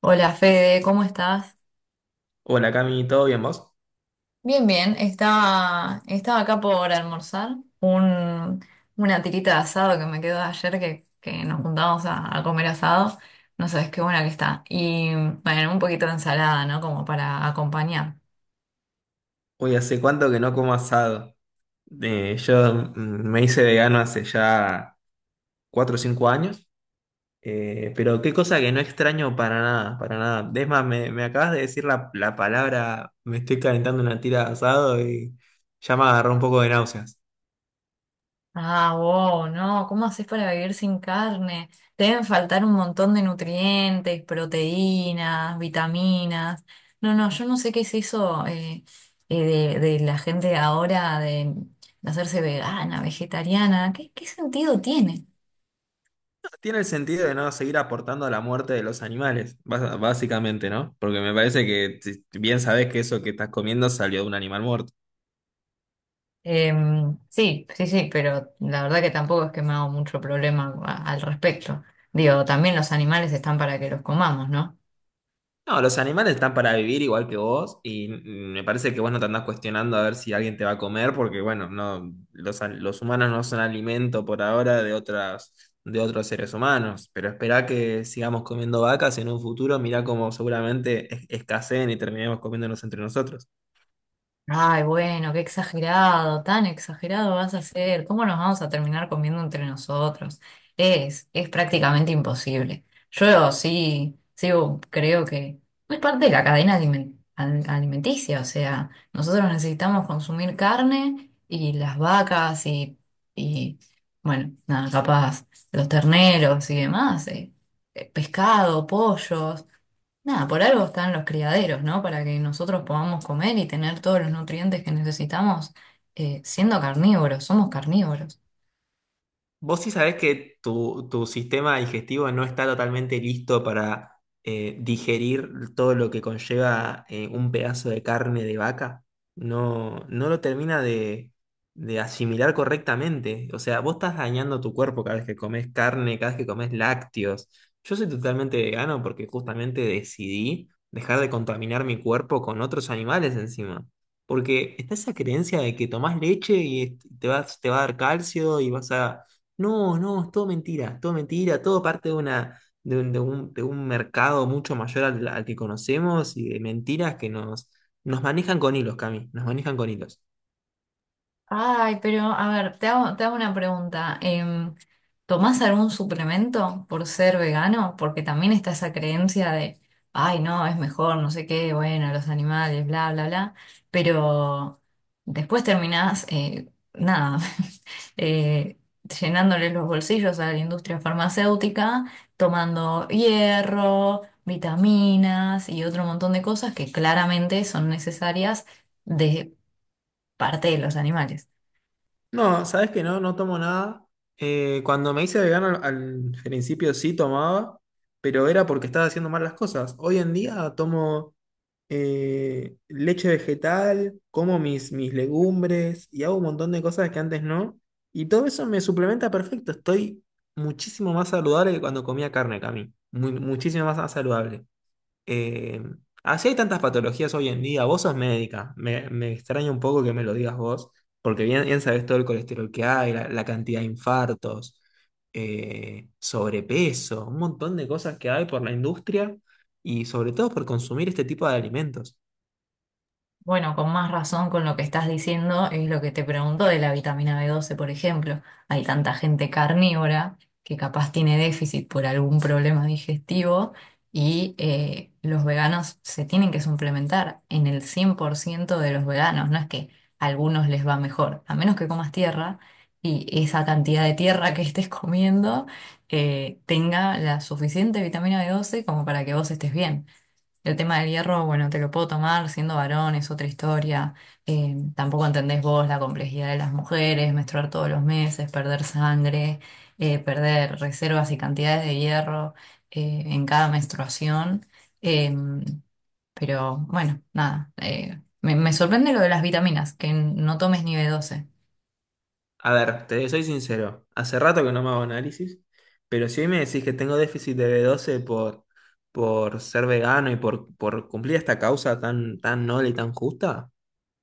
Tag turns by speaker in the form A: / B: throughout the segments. A: Hola Fede, ¿cómo estás?
B: Hola Cami, ¿todo bien vos?
A: Bien, bien. Estaba acá por almorzar. Una tirita de asado que me quedó de ayer que nos juntamos a comer asado. No sabes qué buena que está. Y bueno, un poquito de ensalada, ¿no? Como para acompañar.
B: Hoy hace cuánto que no como asado. Yo me hice vegano hace ya 4 o 5 años, pero qué cosa que no extraño para nada, para nada. Es más, me acabas de decir la palabra, me estoy calentando una tira de asado y ya me agarró un poco de náuseas.
A: Ah, wow, no, ¿cómo haces para vivir sin carne? Te deben faltar un montón de nutrientes, proteínas, vitaminas. No, no, yo no sé qué es eso de la gente de ahora de hacerse vegana, vegetariana. ¿Qué sentido tiene?
B: Tiene el sentido de no seguir aportando a la muerte de los animales, básicamente, ¿no? Porque me parece que bien sabés que eso que estás comiendo salió de un animal muerto.
A: Sí, sí, sí, pero la verdad que tampoco es que me hago mucho problema al respecto. Digo, también los animales están para que los comamos, ¿no?
B: No, los animales están para vivir igual que vos y me parece que vos no te andás cuestionando a ver si alguien te va a comer porque, bueno, no, los humanos no son alimento por ahora de otras, de otros seres humanos, pero esperá que sigamos comiendo vacas en un futuro, mirá cómo seguramente escaseen y terminemos comiéndonos entre nosotros.
A: Ay, bueno, qué exagerado, tan exagerado vas a ser. ¿Cómo nos vamos a terminar comiendo entre nosotros? Es prácticamente imposible. Yo sí, sí creo que es parte de la cadena alimenticia, o sea, nosotros necesitamos consumir carne y las vacas y bueno, nada, capaz, los terneros y demás, pescado, pollos. Nada, por algo están los criaderos, ¿no? Para que nosotros podamos comer y tener todos los nutrientes que necesitamos, siendo carnívoros, somos carnívoros.
B: Vos sí sabés que tu sistema digestivo no está totalmente listo para digerir todo lo que conlleva un pedazo de carne de vaca. No, no lo termina de asimilar correctamente. O sea, vos estás dañando tu cuerpo cada vez que comes carne, cada vez que comes lácteos. Yo soy totalmente vegano porque justamente decidí dejar de contaminar mi cuerpo con otros animales encima. Porque está esa creencia de que tomás leche y te vas, te va a dar calcio y vas a no, no, es todo mentira, todo mentira, todo parte de una, de un, de un, de un mercado mucho mayor al que conocemos y de mentiras que nos, nos manejan con hilos, Cami, nos manejan con hilos.
A: Ay, pero a ver, te hago una pregunta. ¿Tomás algún suplemento por ser vegano? Porque también está esa creencia de, ay, no, es mejor, no sé qué, bueno, los animales, bla, bla, bla. Pero después terminás, nada, eh, llenándole los bolsillos a la industria farmacéutica, tomando hierro, vitaminas y otro montón de cosas que claramente son necesarias de parte de los animales.
B: No, sabes que no, no tomo nada. Cuando me hice vegano al principio sí tomaba, pero era porque estaba haciendo mal las cosas. Hoy en día tomo leche vegetal, como mis legumbres y hago un montón de cosas que antes no. Y todo eso me suplementa perfecto. Estoy muchísimo más saludable que cuando comía carne, Cami. Muchísimo más saludable. Eh, Así hay tantas patologías hoy en día. Vos sos médica. Me extraña un poco que me lo digas vos, porque bien, bien sabés todo el colesterol que hay, la cantidad de infartos, sobrepeso, un montón de cosas que hay por la industria y sobre todo por consumir este tipo de alimentos.
A: Bueno, con más razón con lo que estás diciendo es lo que te pregunto de la vitamina B12, por ejemplo. Hay tanta gente carnívora que capaz tiene déficit por algún problema digestivo y los veganos se tienen que suplementar en el 100% de los veganos. No es que a algunos les va mejor, a menos que comas tierra y esa cantidad de tierra que estés comiendo tenga la suficiente vitamina B12 como para que vos estés bien. El tema del hierro, bueno, te lo puedo tomar siendo varón, es otra historia. Tampoco entendés vos la complejidad de las mujeres, menstruar todos los meses, perder sangre, perder reservas y cantidades de hierro, en cada menstruación. Eh, pero bueno, nada, me sorprende lo de las vitaminas, que no tomes ni B12.
B: A ver, te soy sincero, hace rato que no me hago análisis, pero si hoy me decís que tengo déficit de B12 por ser vegano y por cumplir esta causa tan, tan noble y tan justa.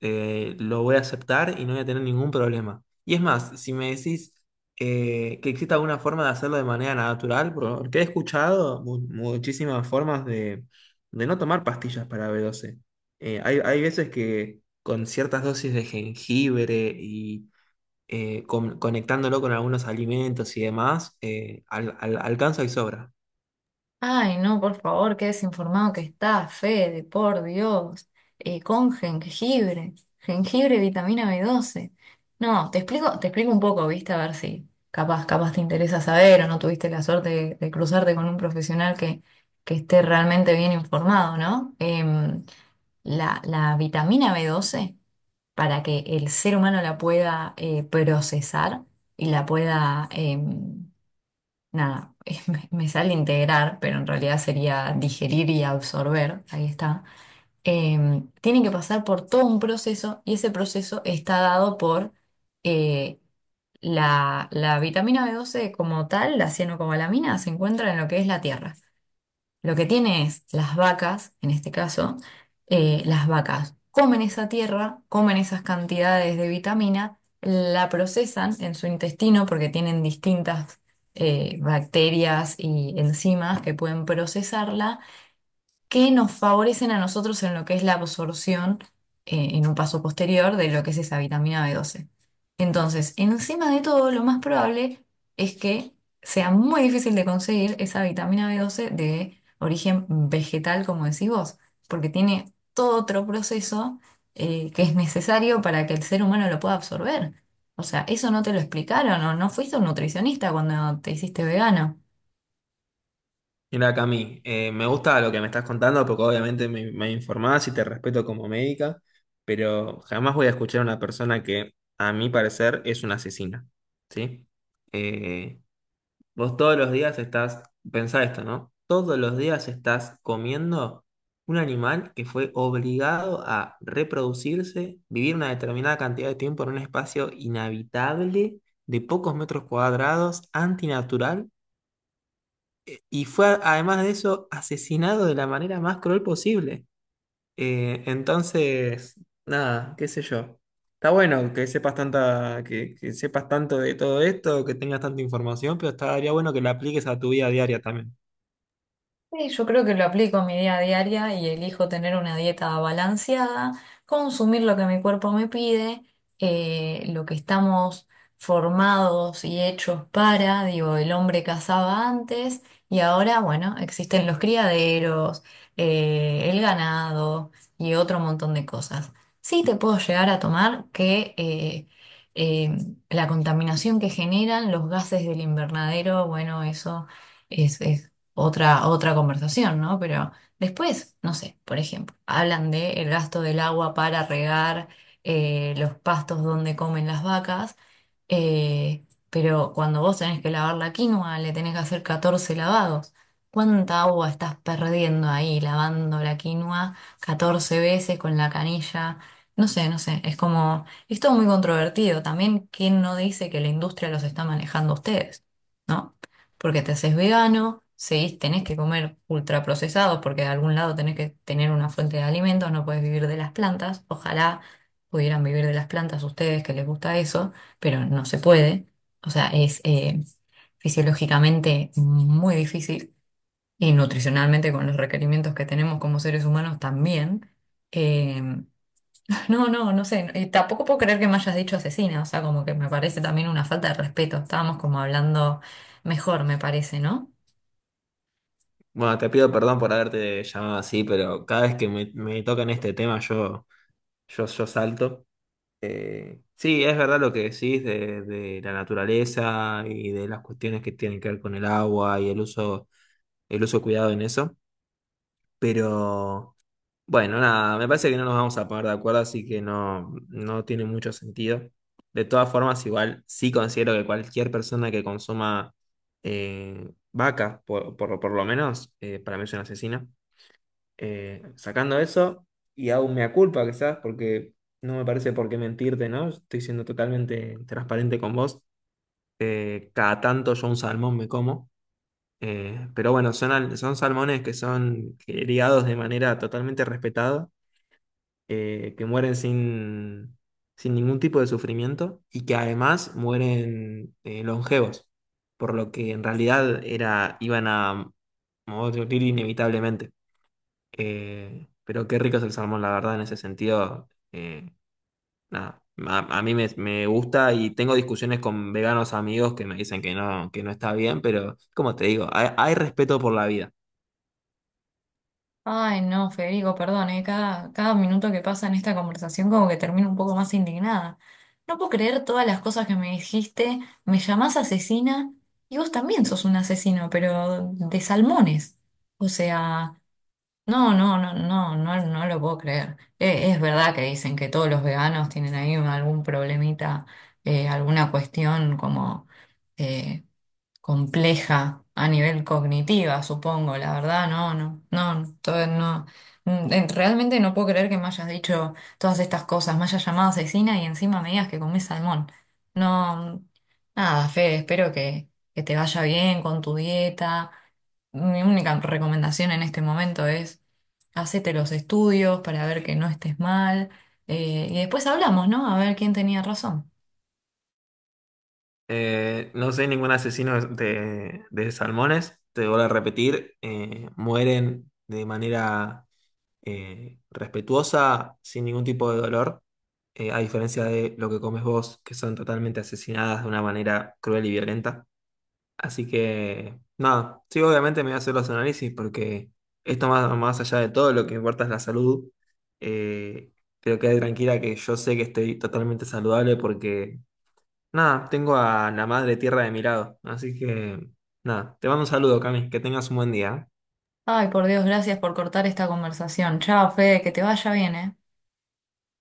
B: Lo voy a aceptar y no voy a tener ningún problema. Y es más, si me decís que existe alguna forma de hacerlo de manera natural, porque he escuchado muchísimas formas de no tomar pastillas para B12. Hay, hay veces que con ciertas dosis de jengibre y conectándolo con algunos alimentos y demás, alcanza y sobra.
A: Ay, no, por favor, qué desinformado que está, Fede, por Dios. Con jengibre, jengibre, vitamina B12. No, te explico un poco, viste, a ver si capaz te interesa saber o no tuviste la suerte de cruzarte con un profesional que esté realmente bien informado, ¿no? La vitamina B12, para que el ser humano la pueda procesar y la pueda, nada, me sale integrar, pero en realidad sería digerir y absorber, ahí está. Tiene que pasar por todo un proceso y ese proceso está dado por eh, la vitamina B12 como tal, la cianocobalamina, se encuentra en lo que es la tierra. Lo que tiene es las vacas, en este caso, las vacas comen esa tierra, comen esas cantidades de vitamina, la procesan en su intestino porque tienen distintas bacterias y enzimas que pueden procesarla, que nos favorecen a nosotros en lo que es la absorción, en un paso posterior de lo que es esa vitamina B12. Entonces, encima de todo, lo más probable es que sea muy difícil de conseguir esa vitamina B12 de origen vegetal, como decís vos, porque tiene todo otro proceso que es necesario para que el ser humano lo pueda absorber. O sea, eso no te lo explicaron o no fuiste un nutricionista cuando te hiciste vegano.
B: Mira, Cami, me gusta lo que me estás contando porque obviamente me informás y te respeto como médica, pero jamás voy a escuchar a una persona que, a mi parecer, es una asesina, ¿sí? Eh, Vos todos los días estás, pensá esto, ¿no? Todos los días estás comiendo un animal que fue obligado a reproducirse, vivir una determinada cantidad de tiempo en un espacio inhabitable de pocos metros cuadrados, antinatural y fue, además de eso, asesinado de la manera más cruel posible. Entonces, nada, qué sé yo. Está bueno que sepas tanta, que sepas tanto de todo esto, que tengas tanta información, pero estaría bueno que la apliques a tu vida diaria también.
A: Sí, yo creo que lo aplico en mi día a diaria y elijo tener una dieta balanceada, consumir lo que mi cuerpo me pide, lo que estamos formados y hechos para, digo, el hombre cazaba antes y ahora, bueno, existen los criaderos, el ganado y otro montón de cosas. Sí te puedo llegar a tomar que eh, la contaminación que generan los gases del invernadero, bueno, eso otra, otra conversación, ¿no? Pero después, no sé, por ejemplo, hablan de el gasto del agua para regar los pastos donde comen las vacas, pero cuando vos tenés que lavar la quinoa, le tenés que hacer 14 lavados. ¿Cuánta agua estás perdiendo ahí lavando la quinoa 14 veces con la canilla? No sé, no sé, es como, es todo muy controvertido. También, ¿quién no dice que la industria los está manejando a ustedes, ¿no? Porque te haces vegano, seguís, tenés que comer ultraprocesados porque de algún lado tenés que tener una fuente de alimentos, no puedes vivir de las plantas. Ojalá pudieran vivir de las plantas ustedes que les gusta eso, pero no se puede. O sea, es fisiológicamente muy difícil y nutricionalmente con los requerimientos que tenemos como seres humanos también. Eh, no, no, no sé. Y tampoco puedo creer que me hayas dicho asesina. O sea, como que me parece también una falta de respeto. Estábamos como hablando mejor, me parece, ¿no?
B: Bueno, te pido perdón por haberte llamado así, pero cada vez que me tocan este tema yo salto. Sí, es verdad lo que decís de la naturaleza y de las cuestiones que tienen que ver con el agua y el uso cuidado en eso. Pero bueno, nada, me parece que no nos vamos a poner de acuerdo, así que no, no tiene mucho sentido. De todas formas, igual sí considero que cualquier persona que consuma vaca, por, por lo menos, para mí es una asesina. Sacando eso, y aún me culpa quizás, porque no me parece por qué mentirte, ¿no? Estoy siendo totalmente transparente con vos. Cada tanto yo un salmón me como. Pero bueno, son, son salmones que son criados de manera totalmente respetada, que mueren sin, sin ningún tipo de sufrimiento y que además mueren longevos, por lo que en realidad era, iban a morir inevitablemente. Pero qué rico es el salmón, la verdad, en ese sentido. Nada, a mí me gusta y tengo discusiones con veganos amigos que me dicen que no está bien, pero como te digo, hay respeto por la vida.
A: Ay, no, Federico, perdón, cada minuto que pasa en esta conversación como que termino un poco más indignada. No puedo creer todas las cosas que me dijiste, me llamás asesina y vos también sos un asesino, pero de salmones. O sea, no, no, no, no, no, no lo puedo creer. Es verdad que dicen que todos los veganos tienen ahí algún problemita, alguna cuestión como, eh, compleja a nivel cognitiva, supongo, la verdad, no, no, no, todo, no. Realmente no puedo creer que me hayas dicho todas estas cosas, me hayas llamado asesina y encima me digas que comés salmón. No, nada, Fede, espero que te vaya bien con tu dieta. Mi única recomendación en este momento es hacete los estudios para ver que no estés mal, y después hablamos, ¿no? A ver quién tenía razón.
B: No soy ningún asesino de salmones, te voy a repetir, mueren de manera respetuosa, sin ningún tipo de dolor, a diferencia de lo que comes vos, que son totalmente asesinadas de una manera cruel y violenta. Así que, nada, sí, obviamente me voy a hacer los análisis porque esto más, más allá de todo, lo que importa es la salud. Eh, pero quede tranquila que yo sé que estoy totalmente saludable porque... Nada, tengo a la madre tierra de mi lado. Así que, nada, te mando un saludo, Cami. Que tengas un buen día.
A: Ay, por Dios, gracias por cortar esta conversación. Chao, Fede, que te vaya bien, ¿eh?